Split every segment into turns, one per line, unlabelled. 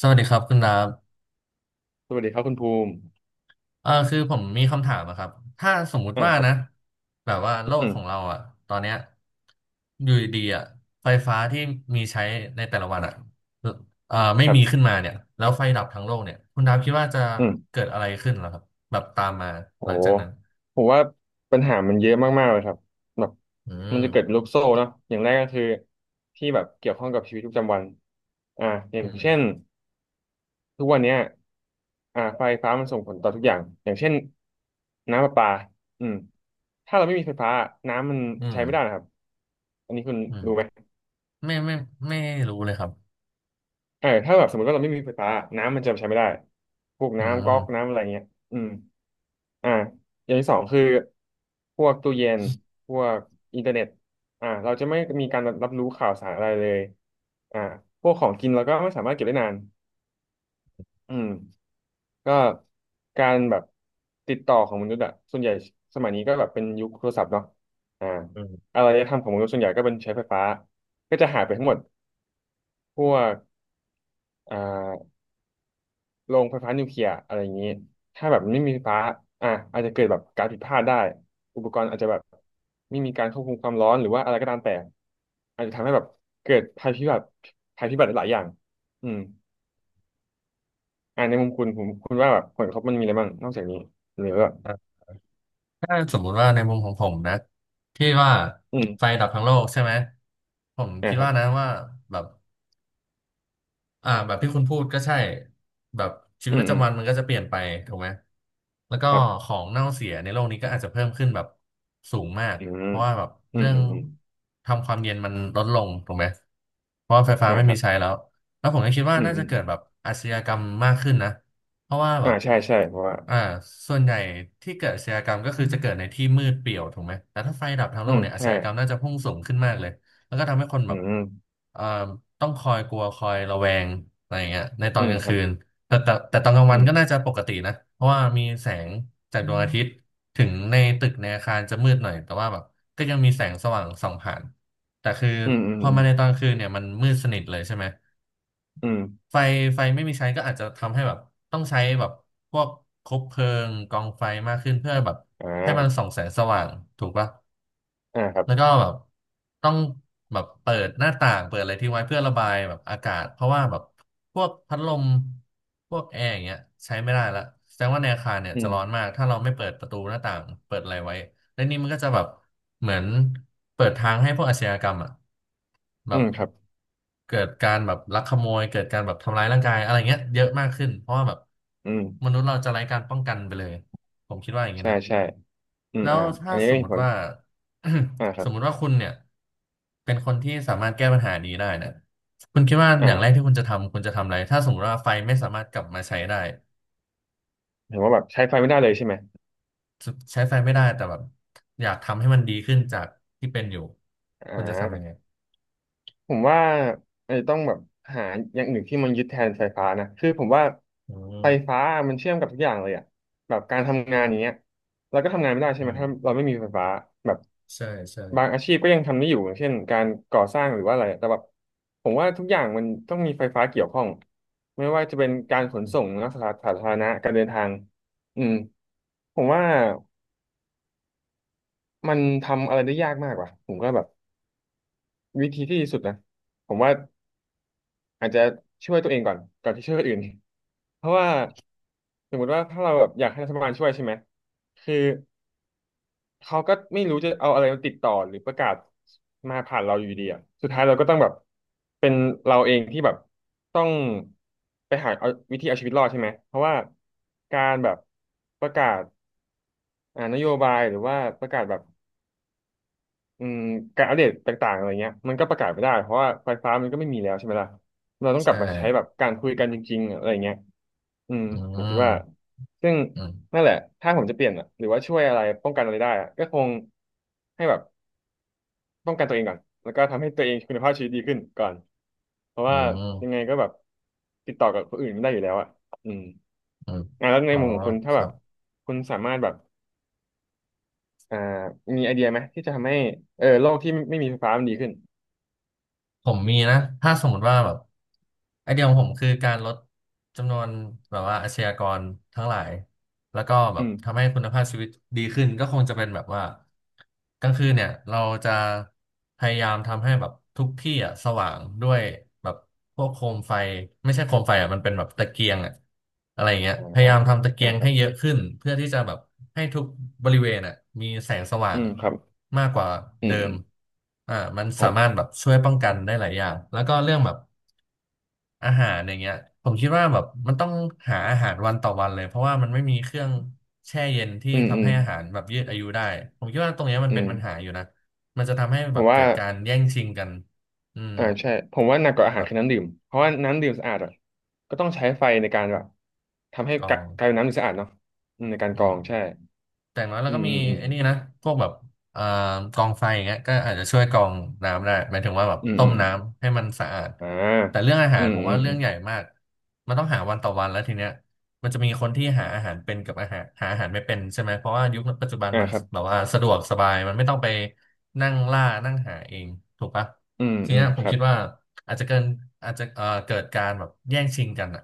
สวัสดีครับคุณดาบ
สวัสดีครับคุณภูมิ
เอ่าคือผมมีคำถามอะครับ ถ้าสมมุ
อ่า
ติว่า
ครับ
นะแบบว่าโล
อื
ก
ม
ของเราอะตอนเนี้ยอยู่ดีๆอะไฟฟ้าที่มีใช้ในแต่ละวันอะเอ่าไม่
ครั
มีขึ้
บ
นมาเนี่ยแล้วไฟดับทั้งโลกเนี่ยคุณดาบคิดว่าจะ
อืม
เกิดอะไรขึ้นเหรอครับแบบตามมา
โอ้
หลัง
โห
จากนั้น
ผมว่าปัญหามันเยอะมากๆเลยครับแบบ
อื
มัน
ม
จะเกิดเป็นลูกโซ่เนาะอย่างแรกก็คือที่แบบเกี่ยวข้องกับชีวิตประจำวันอ่าอย่า
อื
ง
ม
เช่นทุกวันเนี้ยไฟฟ้ามันส่งผลต่อทุกอย่าง อย่างเช่นน้ำประปาอืมถ้าเราไม่มีไฟฟ้าน้ำมัน
อื
ใช้
ม
ไม่ได้นะครับ อันนี้คุณ
อืม
รู้ไหม
ไม่ไม่รู้เลยครับ
เออถ้าแบบสมมติว่าเราไม่มีไฟฟ้าน้ำมันจะใช้ไม่ได้พวก
อื
น้ำก๊อก
ม
น้ำอะไรเงี้ยอืมอ่าอย่างที่สองคือพวกตู้เย็นพวกอินเทอร์เน็ตเราจะไม่มีการรับรู้ข่าวสารอะไรเลยอ่าพวกของกินเราก็ไม่สามารถเก็บได้นานอืมก็การแบบติดต่อของมนุษย์อะส่วนใหญ่สมัยนี้ก็แบบเป็นยุคโทรศัพท์เนาะอ่า
อืม
อารยธรรมของมนุษย์ส่วนใหญ่ก็เป็นใช้ไฟฟ้าก็จะหายไปทั้งหมดพวกอ่า โรงไฟฟ้านิวเคลียร์อะไรอย่างนี้ถ้าแบบไม่มีไฟฟ้าอ่ะอาจจะเกิดแบบการผิดพลาดได้อุปกรณ์อาจจะแบบไม่มีการควบคุมความร้อนหรือว่าอะไรก็ตามแต่อาจจะทำให้แบบเกิดภัยพิบัติภัยพิบัติหลายๆอย่างอืมในมุมคุณผมคุณว่าแบบผลกระทบมันมีอะไรบ้างนอกจากนี้หรือว่า
ถ้าสมมุติว่าในมุมของผมนะที่ว่า
อื
ไฟ
ม
ดับทั้งโลกใช่ไหมผม
อ่า
คิด
ครั
ว่า
บ
นะว่าแบบ แบบที่คุณพูดก็ใช่แบบชี
อื
วิต
ม
ประ
อืม
จำวันมันก็จะเปลี่ยนไปถูกไหมแล้วก็
ครับ
ของเน่าเสียในโลกนี้ก็อาจจะเพิ่มขึ้นแบบสูงมาก
อืม
เพราะว่าแบบ
อืม
เรื่อ
อื
ง
มอืม
ทำความเย็นมันลดลงถูกไหมเพราะว่าไฟฟ้า
อ่า
ไม่
ครั
มี
บ
ใช้แล้วแล้วผมก็คิดว่า
อืม
น่า
อื
จะ
ม
เกิดแบบอาชญากรรมมากขึ้นนะเพราะว่าแบ
อ่า
บ
ใช่ใช่เพราะว่า
อ่าส่วนใหญ่ที่เกิดอาชญากรรมก็คือจะเกิดในที่มืดเปลี่ยวถูกไหมแต่ถ้าไฟดับทั้งโลกเนี่ยอา
ใช่
ชญากรรมน่าจะพุ่งสูงขึ้นมากเลย แล้วก็ทำให้คน
อื
แบบ
ม
เอ่อต้องคอยกลัวคอยระแวงอะไรอย่างเงี้ยในตอ
อื
น
ม
กลาง
ครั
คื
บ
นแต่ตอนกลางวั
อื
น
ม
ก็น่าจะปกตินะเพราะว่ามีแสงจากดวงอาทิต
อ
ย์ ถึงในตึกในอาคารจะมืดหน่อยแต่ว่าแบบก็ยังมีแสงสว่างส่องผ่านแต่คือ
ืมอืม
พอ
อืม
มาในตอนกลางคืนเนี่ยมันมืดสนิทเลยใช่ไหม
อืม
ไฟไฟไม่มีใช้ก็อาจจะทำให้แบบต้องใช้แบบพวกคบเพลิงกองไฟมากขึ้นเพื่อแบบ
อ
ให้มัน
่า
ส่องแสงสว่างถูกปะ
อ่าครับ
แล้วก็แบบต้องแบบเปิดหน้าต่างเปิดอะไรทิ้งไว้เพื่อระบายแบบอากาศเพราะว่าแบบพวกพัดลมพวกแอร์อย่างเงี้ยใช้ไม่ได้ละแสดงว่าในอาคารเนี่ย
อื
จะร้อน
ม
มากถ้าเราไม่เปิดประตูหน้าต่างเปิดอะไรไว้และนี่มันก็จะแบบเหมือนเปิดทางให้พวกอาชญากรรมอ่ะ
อื
แบบ
มครับ
เกิดการแบบลักขโมยเกิดการแบบทำร้ายร่างกายอะไรเงี้ยเยอะมากขึ้นเพราะว่าแบบ
อืม
มนุษย์เราจะไร้การป้องกันไปเลยผมคิดว่าอย่างนี้
ใช่
นะ
ใช่อืม
แล้
อ่า
ว
อั
ถ้า
นนี้
ส
ก็
ม
มี
มุ
ผ
ติ
ล
ว่า
อ่าค รั
ส
บ
มมุติว่าคุณเนี่ยเป็นคนที่สามารถแก้ปัญหานี้ได้เนี่ยคุณคิดว่าอย่างแรก
อ่า
ที่คุณจะทำคุณจะทำอะไรถ้าสมมติว่าไฟไม่สามารถกลับมาใช้ได้
เห็นว่าแบบใช้ไฟไม่ได้เลยใช่ไหม
ใช้ไฟไม่ได้แต่แบบอยากทำให้มันดีขึ้นจากที่เป็นอยู่
อ่
คุณจะทำยั
า
งไง
ผมว่าไอ้ต้องแบบหาอย่างอื่นที่มันยึดแทนไฟฟ้านะคือผมว่า
อื
ไฟ
ม
ฟ้ามันเชื่อมกับทุกอย่างเลยอะแบบการทำงานอย่างเงี้ยเราก็ทำงานไม่ได้ใช่ไห
อื
ม
ม
ถ้าเราไม่มีไฟฟ้าแบบ
ใช่ใช่
บางอาชีพก็ยังทำได้อยู่อย่างเช่นการก่อสร้างหรือว่าอะไรแต่แบบผมว่าทุกอย่างมันต้องมีไฟฟ้าเกี่ยวข้องไม่ว่าจะเป็นการ
อ
ขน
ื
ส่ง
ม
นะสาธารณะการเดินทางอืมผมว่ามันทำอะไรได้ยากมากว่ะผมก็แบบวิธีที่ดีสุดนะผมว่า อาจจะช่วยตัวเองก่อนก่อนที่ช่วยคนอื่น เพราะว่าสมมติว่าถ้าเราแบบอยากให้รัฐบาลช่วยใช่ไหมคือเขาก็ไม่รู้จะเอาอะไรมาติดต่อหรือประกาศมาผ่านเราอยู่ดีอ่ะสุดท้ายเราก็ต้องแบบเป็นเราเองที่แบบต้องไปหาเอาวิธีเอาชีวิตรอดใช่ไหมเพราะว่าการแบบประกาศอ่านโยบายหรือว่าประกาศแบบ อืมการอัปเดตต่างๆอะไรเงี้ยมันก็ประกาศไม่ได้เพราะว่าไฟฟ้ามันก็ไม่มีแล้วใช่ไหมล่ะเราต้องกลับ
ใช่
มาใช้แบบการคุยกันจริงๆอะไรเงี้ยอืม
อื
ผมคิดว่า
ม
ซึ่ง
อืม
นั่นแหละถ้าผมจะเปลี่ยนอะหรือว่าช่วยอะไรป้องกันอะไรได้อะก็คงให้แบบป้องกันตัวเองก่อนแล้วก็ทำให้ตัวเองคุณภาพชีวิตดีขึ้นก่อนเพราะ
อื
ว่ายังไง
ม
ก็แบบติดต่อกับคนอื่นไม่ได้อยู่แล้วอะอืม
อืม
อ่ะแล้วใน
อ๋อ
มุมของคุณถ้า
ค
แบ
รั
บ
บ
คุณสามารถแบบอ่ามีไอเดียไหมที่จะทำให้เออโลกที่ไม่ไมมีไฟฟ้ามันดีขึ้น
ผมมีนะถ้าสมมติว่าแบบ ไอเดียของผมคือการลดจำนวนแบบว่าอาชญากรทั้งหลายแล้วก็แบ
อื
บ
ม
ทำให้คุณภาพชีวิตดีขึ้นก็คงจะเป็นแบบว่ากลางคืนเนี่ยเราจะพยายามทำให้แบบทุกที่อ่ะสว่างด้วยแบบพวกโคมไฟไม่ใช่โคมไฟอ่ะมันเป็นแบบตะเกียงอ่ะอะไรอย่างเงี้ย
อ่า
พยายามทำตะเกี
อ่า
ยง
ครั
ให้
บ
เยอะขึ้นเพื่อที่จะแบบให้ทุกบริเวณอ่ะมีแสงสว่า
อื
ง
มครับ
มากกว่า
อืม
เดิ
อื
ม
ม
อ่ามัน
ค
สา
รั
มารถ
บ
แบบช่วยป้องกันได้หลายอย่างแล้วก็เรื่องแบบ อาหารอย่างเงี้ยผมคิดว่าแบบมันต้องหาอาหารวันต่อวันเลยเพราะว่ามันไม่มีเครื่องแช่เย็นที่
อืมอื
ทำ
ม
ให้อาหารแบบยืดอายุได้ผมคิดว่าตรงเนี้ยมัน
อื
เป็น
ม
ปัญหาอยู่นะมันจะทำให้
ผ
แบ
ม
บ
ว่า
เกิดการแย่งชิงกันอืม
ใช่ ผมว่าหนักกว่าอาหาร
แบบ
คือน้ำดื่มเพราะว่าน้ำดื่มสะอาดอะก็ต้องใช้ไฟในการแบบทำให้
กอ
กะ
ง
กลายเป็นน้ำดื่มสะอาดเนาะในการ
อื
กรอ
ม
ง ใช่
แต่อย่างน้อยแล้
อื
ว
ม
ก็
อื
มี
มอืม
ไอ้นี่นะพวกแบบเอ่อกองไฟอย่างเงี้ยก็อาจจะช่วยกรองน้ำได้หมายถึงว่าแบบ
อืม
ต้
อื
ม
ม
น้ำให้มันสะอาด
อ่า
แต่เรื่องอา
อื
หาร
ม
ผม
อืม
ว่า
อื
เรื่อ
ม
งใหญ่มากมันต้องหาวันต่อวันแล้วทีเนี้ย มันจะมีคนที่หาอาหารเป็นกับอาหารหาอาหารไม่เป็นใช่ไหมเพราะว่ายุคปัจจุบัน
อ่า
มัน
ครับ
แบบว่าสะดวกสบายมันไม่ต้องไปนั่งล่านั่งหาเองถูกปะ
อืม
ที
อืม
เนี้ยผ
ค
ม
รับ
คิดว่าอาจจะเกินอาจจะเกิดการแบบแย่งชิงกันอะ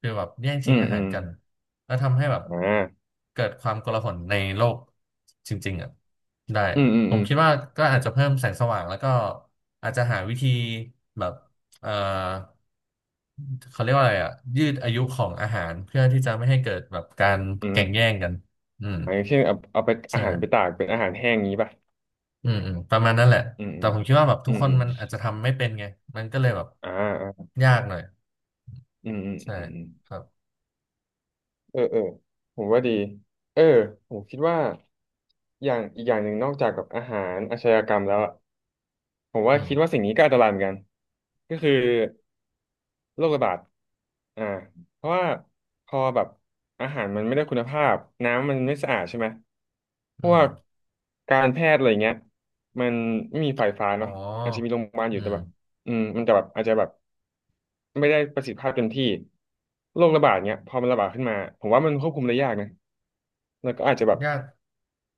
คือแบบแย่ง
อื
ชิง
ม
อา
อื
หาร
ม
กันแล้วทำให้แบบ
อ่า
เกิดความโกลาหลในโลกจริงๆอะได้
อืมอืม
ผ
อื
ม
ม
คิดว่าก็อาจจะเพิ่มแสงสว่างแล้วก็อาจจะหาวิธีแบบ เอ่อเขาเรียกว่าอะไรอ่ะยืดอายุของอาหารเพื่อที่จะไม่ให้เกิดแบบการ
อื
แก่งแย่
ม
งกันอืม
อะอย่างเช่นเอาเอาไปอา
ใช่
หารไปตากเป็นอาหารแห้งงี้ป่ะ
อืมอืมประมาณนั้นแหละ
อืมอื
แต่
ม
ผมคิดว่าแบบ
อื
ทุก
ม
ค
อื
น
ม
มันอาจจะทำไม่เป็นไงมันก็เลยแบบ
อ่าอ่า
ยากหน่อย
อืมอืม
ใช่
อืม
ครับ
เออเออผมว่าดีเออผมคิดว่าอย่างอีกอย่างหนึ่งนอกจากกับอาหารอาชญากรรมแล้วอะผมว่า
อืม
คิดว่าสิ่งนี้ก็อันตรายเหมือนกันก็คือโรคระบาดอ่าเพราะว่าพอแบบอาหารมันไม่ได้คุณภาพน้ำมันไม่สะอาดใช่ไหมพ
อื
ว
ม
กการแพทย์อะไรเงี้ยมันไม่มีไฟฟ้า
อ๋อ
เนาะอาจจะมีโรงพยาบาลอยู่
อื
แต่แบบ
ม
มันจะแบบอาจจะแบบไม่ได้ประสิทธิภาพเต็มที่โรคระบาดเนี้ยพอมันระบาดขึ้นมาผมว่ามันควบคุมได้ยากนะ แล้วก็อาจจะแบบ
ยาก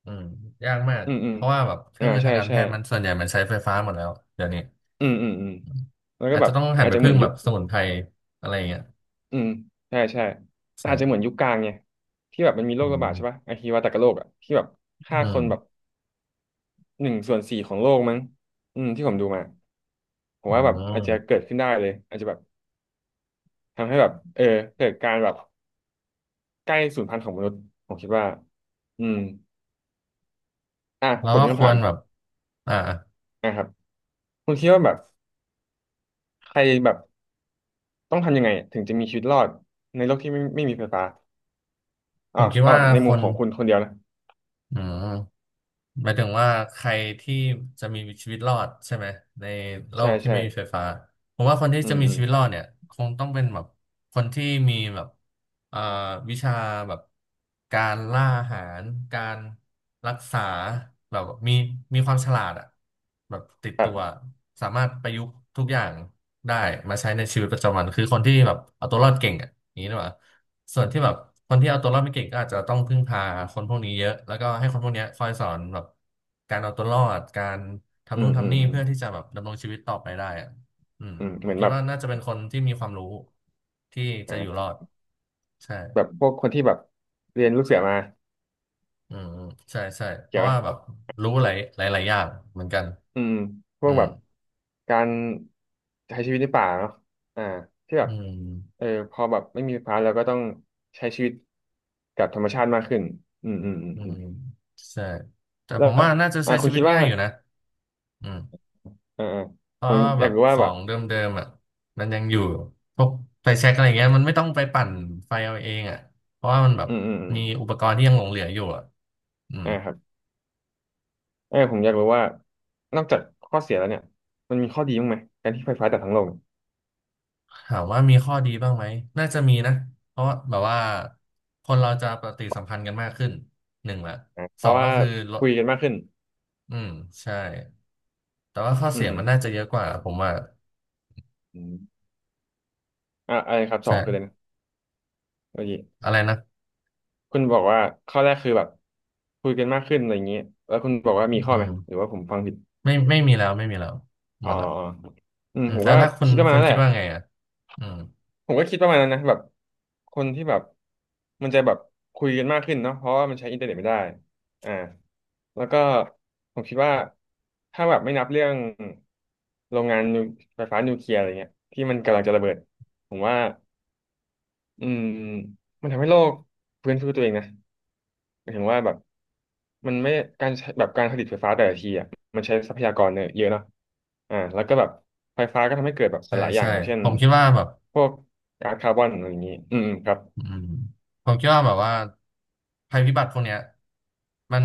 อืมยากมาก
อืมอืม
เพราะว่าแบบเครื่องมือ
ใช่
ทางการแพ
ใช่
ทย์มันส่วนใหญ่มันใช้ไฟฟ้าหมดแล้วเดี๋ยวนี้
อืมอืมอืม
อืม
แล้วก็
อาจ
แบ
จะ
บ
ต้องหัน
อาจ
ไป
จะเหมื
พึ่
อ
ง
นยุ
แบ
ค
บสมุนไพรอะไรอย่างเงี้ย
อืมใช่ใช่แต่อาจจะเหมือนยุ
ใช่
คกลางไงที่แบบมันมีโร
อื
คระบาด
ม
ใช่ป่ะไอฮิวาตากโรคอะที่แบบฆ่า
อื
คนแบบ
ม
หนึ่งส่วนสี่ของโลกมั้งอืมที่ผมดูมาผม
อื
ว่าแบบอาจจะ
ม
เกิดขึ้นได้เลยอาจจะแบบทำให้แบบเกิดการแบบใกล้สูญพันธุ์ของมนุษย์ผมคิดว่าอืมอ่ะ
แล้
ผ
ว
ม
ก็
มี
ค
คำ
ว
ถาม
รแบบอ่า
นะครับคุณคิดว่าแบบใครแบบต้องทำยังไงถึงจะมีชีวิตรอดในโลกที่ไม่มีไฟฟ้า
ผมคิด
เอาแบ
ว่า
บใน
ค
มุม
น
ของคุณคนเดียวนะ
อืมหมายถึงว่าใครที่จะมีชีวิตรอดใช่ไหมในโล
ใช่
กที่
ใช่
ไม่มีไฟฟ้า ผมว่าคนที่
อื
จะ
ม
มี
อืม
ชีวิตรอดเนี่ยคงต้องเป็นแบบคนที่มีแบบเอ่าวิชาแบบการล่าอาหาร การรักษาแบบมีความฉลาดอะแบบติด
แบ
ตั
บ
วสามารถประยุกต์ทุกอย่าง ได้มาใช้ในชีวิตประจำวันคือคนที่แบบเอาตัวรอดเก่งอ่ะอย่างนี้หรือเปล่าส่วนที่แบบคนที่เอาตัวรอดไม่เก่งก็อาจจะต้องพึ่งพาคนพวกนี้เยอะแล้วก็ให้คนพวกเนี้ยคอยสอนแบบการเอาตัวรอดการ
อื
ทำนู่
ม
น
อืม
ทำนี่
อืม
เพื่อที่จะแบบดำรงชีวิตต่อไปได้อ่ะอืม
อืม
ผ
เหมือ
ม
น
คิ
แบ
ด
บ
ว่าน่าจะเป็นคนที่มีความรู้ที่
อ่
จะอยู่ร
า
อดใช่
แบบพวกคนที่แบบเรียนลูกเสือมา
อืมอืมใช่ใช่เพ
เกี่ยว
ราะ
ไหม
ว่าแบบรู้หลายหลายหลายอย่างเหมือนกัน
อืมพว
อื
กแบ
ม
บการใช้ชีวิตในป่าเนาะอ่าที่แบบ
อืม
พอแบบไม่มีไฟฟ้าเราก็ต้องใช้ชีวิตกับธรรมชาติมากขึ้นอืมอืมอืม
อื
อืม
มใช่แต่
แล้
ผ
ว
มว่าน่าจะ
อ่า
ใช้
คุ
ชี
ณ
วิ
คิ
ต
ดว่า
ง่ายอยู่นะอืม
อ่าอ่า
เพ
ผ
ราะ
ม
ว่า
อ
แบ
ยาก
บ
รู้
ข
ว่า
อ
แบบ
งเดิมๆอ่ะมันยังอยู่พวกไฟแช็กอะไรเงี้ยมันไม่ต้องไปปั่นไฟเอาเองอ่ะเพราะว่ามันแบ
อื
บ
มอืมอืม
มีอุปกรณ์ที่ยังหลงเหลืออยู่อ่ะอืม
อ่าครับ ผมอยากรู้ว่านอกจากข้อเสียแล้วเนี่ยมันมีข้อดีบ้างไหมการที่ไฟฟ้าจากทั้งโลกเนี่ย
ถามว่ามีข้อดีบ้างไหมน่าจะมีนะเพราะว่าแบบว่าคนเราจะปฏิสัมพันธ์กันมากขึ้นหนึ่งละ
อ่ะเพ
สอ
ราะ
ง
ว่า
ก็คือลด
คุยกันมากขึ้น
อืมใช่แต่ว่าข้อ
อื
เสี
ม
ย
อืม
มันน่าจะเยอะกว่าผมว่า
อืมอ่ะอะไรครับสอ
ใช่
งคืออะไรนะเมื่อกี้
อะไรนะ
คุณบอกว่าข้อแรกคือแบบคุยกันมากขึ้นอะไรอย่างเงี้ยแล้วคุณบอกว่ามีข้อ
อื
ไหม
ม
หรือว่าผมฟังผิด
ไม่ไม่มีแล้วไม่มีแล้วห
อ๋
ม
อ
ดละ
อ๋ออืม
อื
ผ
ม
ม
แล้
ก็
วถ้าคุณ
คิดประมาณ
คุณ
นั้นแห
คิ
ละ
ดว่าไงอ่ะอืม
ผมก็คิดประมาณนั้นนะแบบคนที่แบบมันจะแบบคุยกันมากขึ้นเนาะเพราะว่ามันใช้อินเทอร์เน็ตไม่ได้อ่าแล้วก็ผมคิดว่าถ้าแบบไม่นับเรื่องโรงงานนิวไฟฟ้านิวเคลียร์อะไรเงี้ยที่มันกำลังจะระเบิดผมว่าอืมมันทำให้โลกฟื้นฟูตัวเองนะ หมายถึงว่าแบบมันไม่การใช้แบบการผลิตไฟฟ้าแต่ละทีอ่ะมันใช้ทรัพยากรเนี่ยเยอะเนาะอ่าแล้วก็แบบไฟฟ้าก็ทำให้เกิดแบบห
ใช่
ลายอย่าง
ใช่
อย่างเช่น
ผมคิดว่าแบบ
พวกก๊าซคาร์บอนอะไรอย่างนี้อืมอืมครับ
อืมผมคิดว่าแบบว่าภัยพิบัติพวกเนี้ยมัน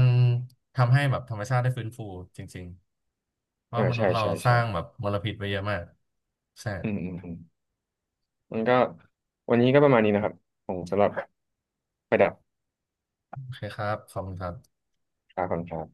ทำให้แบบธรรมชาติได้ฟื้นฟูจริงๆเพราะ
อ่า
มนุ
ใช่
ษย์เรา
ใช่
ส
ใช่
ร้างแบบมลพิษไปเยอะมากใช่
อืมอืมอืมมันก็วันนี้ก็ประมาณนี้นะครับผมสำหรับประดับ
โอเคครับขอบคุณครับ
คาคอนครับ